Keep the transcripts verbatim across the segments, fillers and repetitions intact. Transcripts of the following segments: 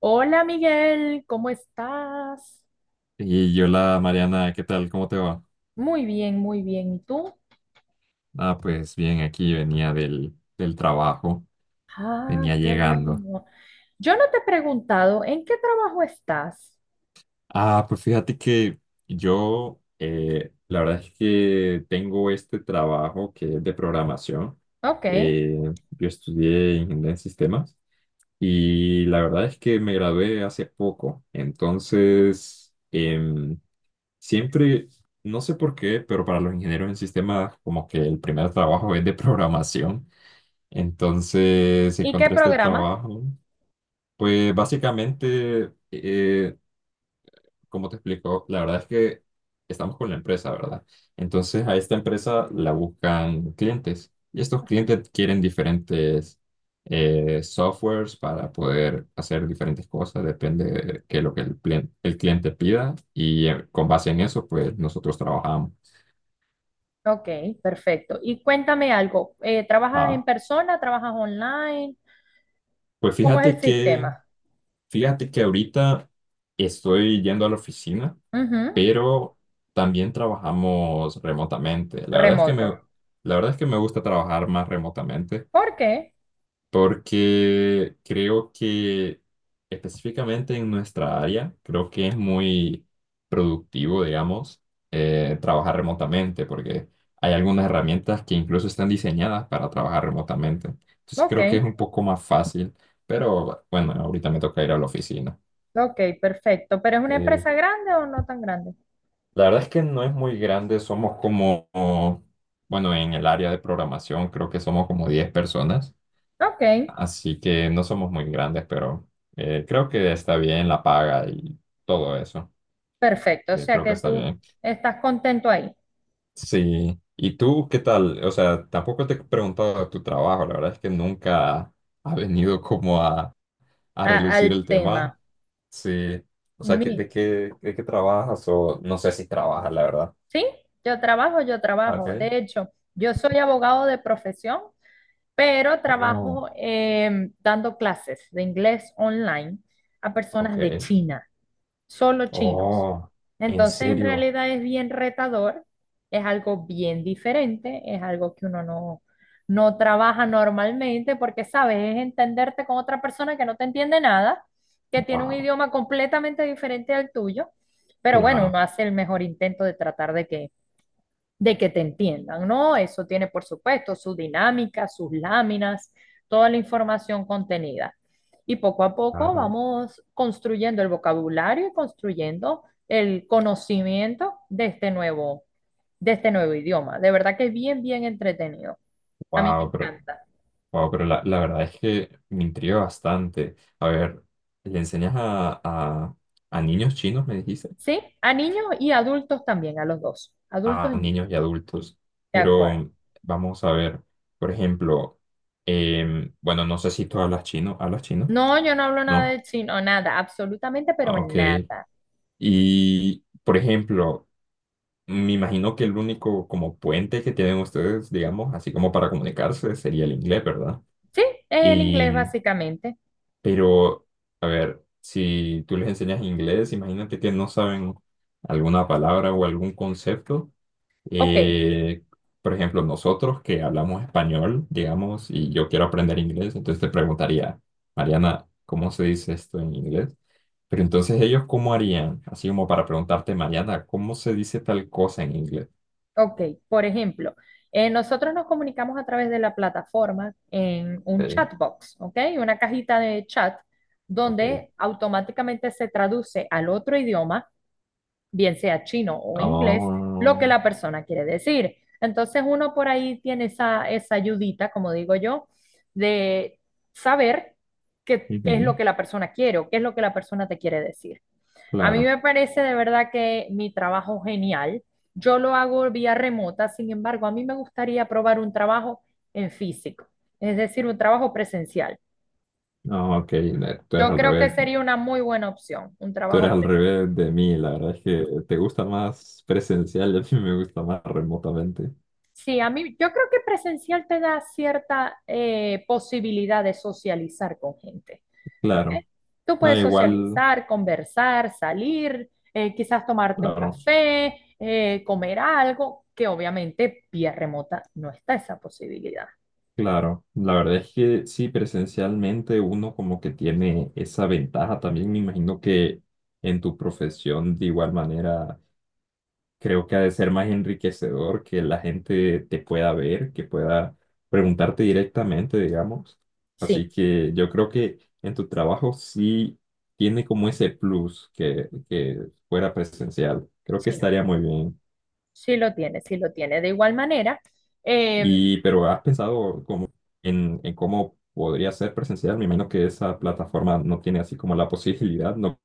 Hola Miguel, ¿cómo estás? Y yo, la Mariana, ¿qué tal? ¿Cómo te va? Muy bien, muy bien. ¿Y tú? Ah, pues bien, aquí venía del, del trabajo, Ah, venía qué llegando. bueno. Yo no te he preguntado en qué trabajo estás. Ah, pues fíjate que yo, eh, la verdad es que tengo este trabajo que es de programación. Ok. Eh, yo estudié ingeniería en sistemas y la verdad es que me gradué hace poco. Entonces, em, siempre, no sé por qué, pero para los ingenieros en sistemas, como que el primer trabajo es de programación. Entonces si ¿Y qué encontré este programa? trabajo. Pues básicamente, eh, como te explico, la verdad es que estamos con la empresa, ¿verdad? Entonces a esta empresa la buscan clientes y estos clientes quieren diferentes eh, softwares para poder hacer diferentes cosas, depende de qué es lo que el, plien- el cliente pida y eh, con base en eso, pues nosotros trabajamos. Ok, perfecto. Y cuéntame algo. Eh, ¿trabajas en Ah, persona? ¿Trabajas online? pues ¿Cómo es fíjate el que, sistema? fíjate que ahorita estoy yendo a la oficina Ujú. pero también trabajamos remotamente. La verdad es que me, Remoto. la verdad es que me gusta trabajar más remotamente ¿Por qué? porque creo que específicamente en nuestra área, creo que es muy productivo, digamos, eh, trabajar remotamente porque hay algunas herramientas que incluso están diseñadas para trabajar remotamente. Entonces Ok. creo que es un poco más fácil, pero bueno, ahorita me toca ir a la oficina. Ok, perfecto. ¿Pero es una empresa grande o no tan grande? La verdad es que no es muy grande, somos como, bueno, en el área de programación creo que somos como diez personas, Ok, así que no somos muy grandes, pero eh, creo que está bien la paga y todo eso, perfecto. O que sea creo que que está tú bien. estás contento ahí. Sí, ¿y tú qué tal? O sea, tampoco te he preguntado de tu trabajo, la verdad es que nunca ha venido como a, a A- relucir al el tema. tema. Sí, o sea, ¿qué- ¿de Mi, qué, de qué trabajas? O no sé si trabajas, la verdad. sí, yo trabajo, yo trabajo. Okay. De hecho, yo soy abogado de profesión, pero Oh, trabajo em, dando clases de inglés online a personas de ok. China. Solo chinos. Oh, ¿en Entonces, en serio? realidad es bien retador, es algo bien diferente, es algo que uno no, no trabaja normalmente porque, sabes, es entenderte con otra persona que no te entiende nada, que tiene un Wow, idioma completamente diferente al tuyo, pero bueno, uno claro, hace el mejor intento de tratar de que de que te entiendan, ¿no? Eso tiene, por supuesto, su dinámica, sus láminas, toda la información contenida. Y poco a poco claro. vamos construyendo el vocabulario y construyendo el conocimiento de este nuevo, de este nuevo idioma. De verdad que es bien, bien entretenido. A mí me Wow, pero, encanta. wow, pero la, la verdad es que me intriga bastante. A ver, ¿le enseñas a, a, a niños chinos, me dijiste? ¿Sí? A niños y adultos también, a los dos. Adultos A y niños. niños y adultos. De acuerdo. Pero vamos a ver, por ejemplo, em, bueno, no sé si tú hablas chino, ¿hablas chino? No, yo no hablo nada ¿No? de chino, nada, absolutamente, pero Ah, ok. nada. Y, por ejemplo, me imagino que el único como puente que tienen ustedes, digamos, así como para comunicarse, sería el inglés, ¿verdad? Sí, es el inglés Y, básicamente. pero, a ver, si tú les enseñas inglés, imagínate que no saben alguna palabra o algún concepto. Ok. Eh, por ejemplo, nosotros que hablamos español, digamos, y yo quiero aprender inglés, entonces te preguntaría, Mariana, ¿cómo se dice esto en inglés? Pero entonces ellos, ¿cómo harían? Así como para preguntarte, Mariana, ¿cómo se dice tal cosa en inglés? Ok, por ejemplo, eh, nosotros nos comunicamos a través de la plataforma en un Ok, chatbox, ¿ok? Una cajita de chat ok. donde automáticamente se traduce al otro idioma, bien sea chino o inglés, lo Ah, que la persona quiere decir. Entonces uno por ahí tiene esa, esa ayudita, como digo yo, de saber qué, qué es ujú, lo que la persona quiere o qué es lo que la persona te quiere decir. A mí claro. me parece de verdad que mi trabajo genial. Yo lo hago vía remota, sin embargo, a mí me gustaría probar un trabajo en físico, es decir, un trabajo presencial. Ah, ok, le- tú eres Yo al creo que revés. sería una muy buena opción, un Tú eres trabajo al presencial. revés de mí, la verdad es que te gusta más presencial y a mí me gusta más remotamente. Sí, a mí yo creo que presencial te da cierta eh, posibilidad de socializar con gente, ¿ok? Claro, Tú no, puedes igual, socializar, conversar, salir, eh, quizás tomarte un claro, café, eh, comer algo, que obviamente vía remota no está esa posibilidad. claro. La verdad es que sí, presencialmente uno como que tiene esa ventaja también. Me imagino que en tu profesión de igual manera creo que ha de ser más enriquecedor que la gente te pueda ver, que pueda preguntarte directamente, digamos. Sí, Así que yo creo que en tu trabajo sí tiene como ese plus que, que fuera presencial. Creo que sí, estaría muy bien. sí lo tiene, sí lo tiene. De igual manera, eh, Y, pero ¿has pensado como en, en cómo podría ser presencial? Me imagino que esa plataforma no tiene así como la posibilidad. No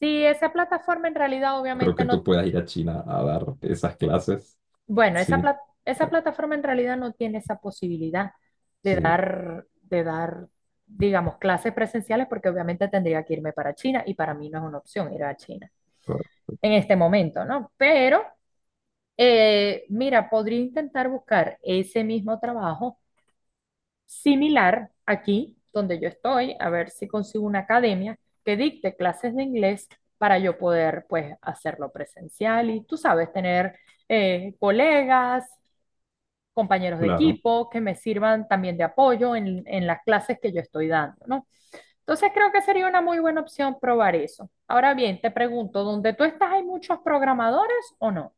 si esa plataforma en realidad creo obviamente que no. tú puedas ir a China a dar esas clases. Bueno, esa Sí, pla- esa plataforma en realidad no tiene esa posibilidad de sí, dar, de dar, digamos, clases presenciales porque obviamente tendría que irme para China y para mí no es una opción ir a China en este momento, ¿no? Pero, eh, mira, podría intentar buscar ese mismo trabajo similar aquí donde yo estoy, a ver si consigo una academia que dicte clases de inglés para yo poder, pues, hacerlo presencial y, tú sabes, tener eh, colegas compañeros de claro. equipo que me sirvan también de apoyo en, en las clases que yo estoy dando, ¿no? Entonces creo que sería una muy buena opción probar eso. Ahora bien, te pregunto, ¿donde tú estás hay muchos programadores o no?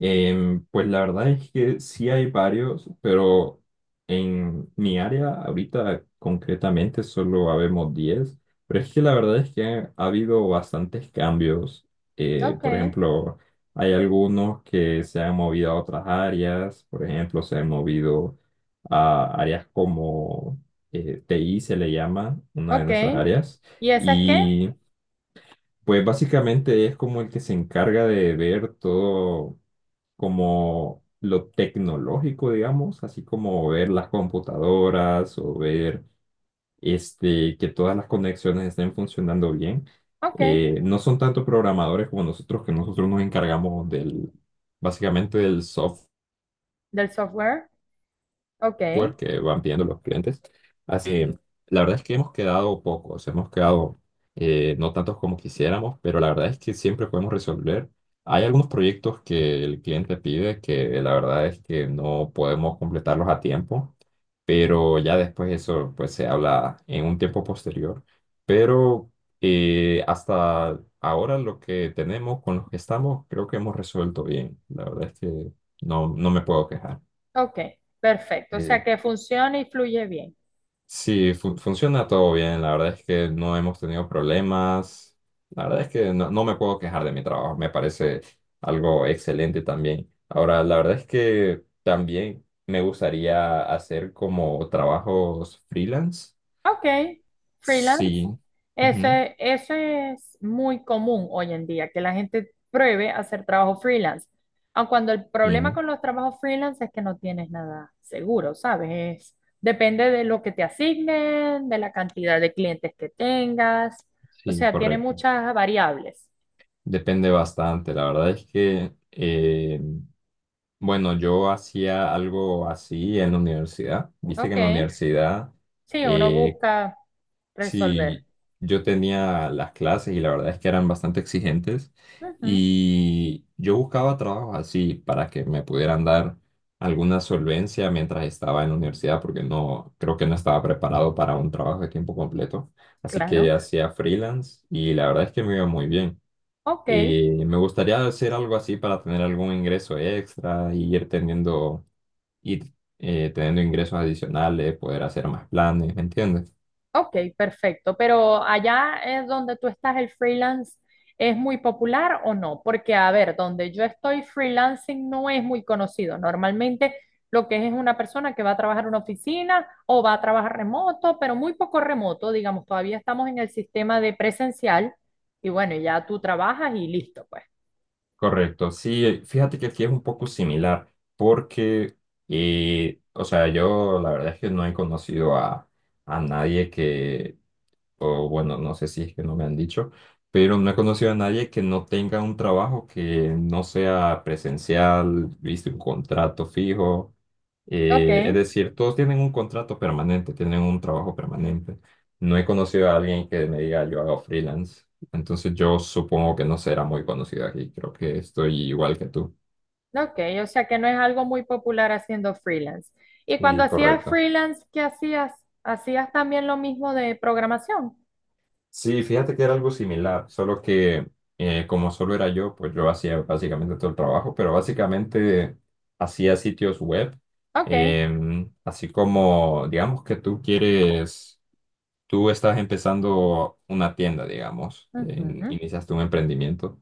Em, pues la verdad es que sí hay varios, pero en mi área ahorita concretamente solo habemos diez pero es que la verdad es que ha, ha habido bastantes cambios. Eh, Ok. por ejemplo, hay algunos que se han movido a otras áreas, por ejemplo, se han movido a áreas como eh, T I se le llama, una de Ok. nuestras áreas, ¿Y esa es qué? y pues básicamente es como el que se encarga de ver todo como lo tecnológico, digamos, así como ver las computadoras o ver este, que todas las conexiones estén funcionando bien. Ok, Eh, no son tanto programadores como nosotros, que nosotros nos encargamos del, básicamente del software del software. Ok. software que van pidiendo los clientes. Así, que, la verdad es que hemos quedado pocos, hemos quedado eh, no tantos como quisiéramos, pero la verdad es que siempre podemos resolver. Hay algunos proyectos que el cliente pide que la verdad es que no podemos completarlos a tiempo, pero ya después eso pues se habla en un tiempo posterior. Pero eh, hasta ahora lo que tenemos con los que estamos creo que hemos resuelto bien. La verdad es que no, no me puedo quejar. Ok. Perfecto. O sea Eh, que funciona y fluye bien. Sí, fun- funciona todo bien. La verdad es que no hemos tenido problemas. La verdad es que no, no me puedo quejar de mi trabajo. Me parece algo excelente también. Ahora, la verdad es que también me gustaría hacer como trabajos freelance. Ok, freelance. Sí, Eso ujú, es, eso es muy común hoy en día, que la gente pruebe a hacer trabajo freelance. Aun cuando el problema sí, con los trabajos freelance es que no tienes nada seguro, ¿sabes? Es- depende de lo que te asignen, de la cantidad de clientes que tengas. O sí, sea, tiene correcto. muchas variables. Depende bastante. La verdad es que, eh, bueno, yo hacía algo así en la universidad. Viste que Ok, en la universidad sí, uno eh, busca resolver. sí, yo tenía las clases y la verdad es que eran bastante exigentes Ujú, y yo buscaba trabajos así para que me pudieran dar alguna solvencia mientras estaba en la universidad porque no creo que no estaba preparado para un trabajo de tiempo completo, así claro. que hacía freelance y la verdad es que me iba muy bien. Ok. Eh, me gustaría hacer algo así para tener algún ingreso extra y ir teniendo ir, eh, teniendo ingresos adicionales, poder hacer más planes, ¿me entiendes? Ok, perfecto. Pero allá es donde tú estás, ¿el freelance es muy popular o no? Porque, a ver, donde yo estoy, freelancing no es muy conocido. Normalmente lo que es es una persona que va a trabajar en una oficina o va a trabajar remoto, pero muy poco remoto, digamos, todavía estamos en el sistema de presencial y bueno, ya tú trabajas y listo, pues. Correcto, sí, eh, fíjate que aquí es un poco similar, porque, eh, o sea, yo la verdad es que no he conocido a, a nadie que, o bueno, no sé si es que no me han dicho, pero no he conocido a nadie que no tenga un trabajo que no sea presencial, viste, un contrato fijo. Ok. Eh, es decir, todos tienen un contrato permanente, tienen un trabajo permanente. No he conocido a alguien que me diga yo hago freelance. Entonces yo supongo que no será muy conocido aquí. Creo que estoy igual que tú. Ok, o sea que no es algo muy popular haciendo freelance. Y cuando Sí, hacías correcto. freelance, ¿qué hacías? ¿Hacías también lo mismo de programación? Sí, fíjate que era algo similar, solo que eh, como solo era yo, pues yo hacía básicamente todo el trabajo, pero básicamente hacía sitios web, Ok, em, así como, digamos que tú quieres, tú estás empezando una tienda, digamos, en- ujú, iniciaste un emprendimiento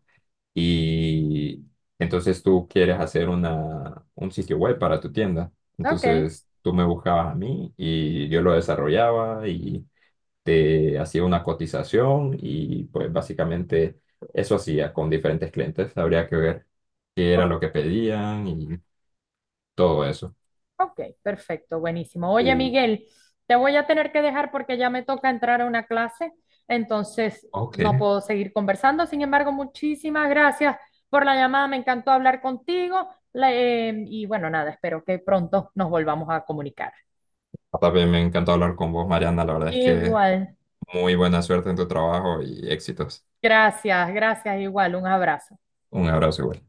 y entonces tú quieres hacer una, un sitio web para tu tienda, ok, entonces tú me buscabas a mí y yo lo desarrollaba te hacía una cotización y pues básicamente eso hacía con diferentes clientes. Habría que ver qué era lo ok, que pedían y todo eso. ok, perfecto, buenísimo. Oye, Sí. Miguel, te voy a tener que dejar porque ya me toca entrar a una clase, entonces Ok. no puedo seguir conversando. Sin embargo, muchísimas gracias por la llamada, me encantó hablar contigo. La- eh, y bueno, nada, espero que pronto nos volvamos a comunicar. También me encantó hablar con vos, Mariana. La verdad es que Igual, muy buena suerte en tu trabajo y éxitos. gracias, gracias, igual, un abrazo. Un abrazo. Igual.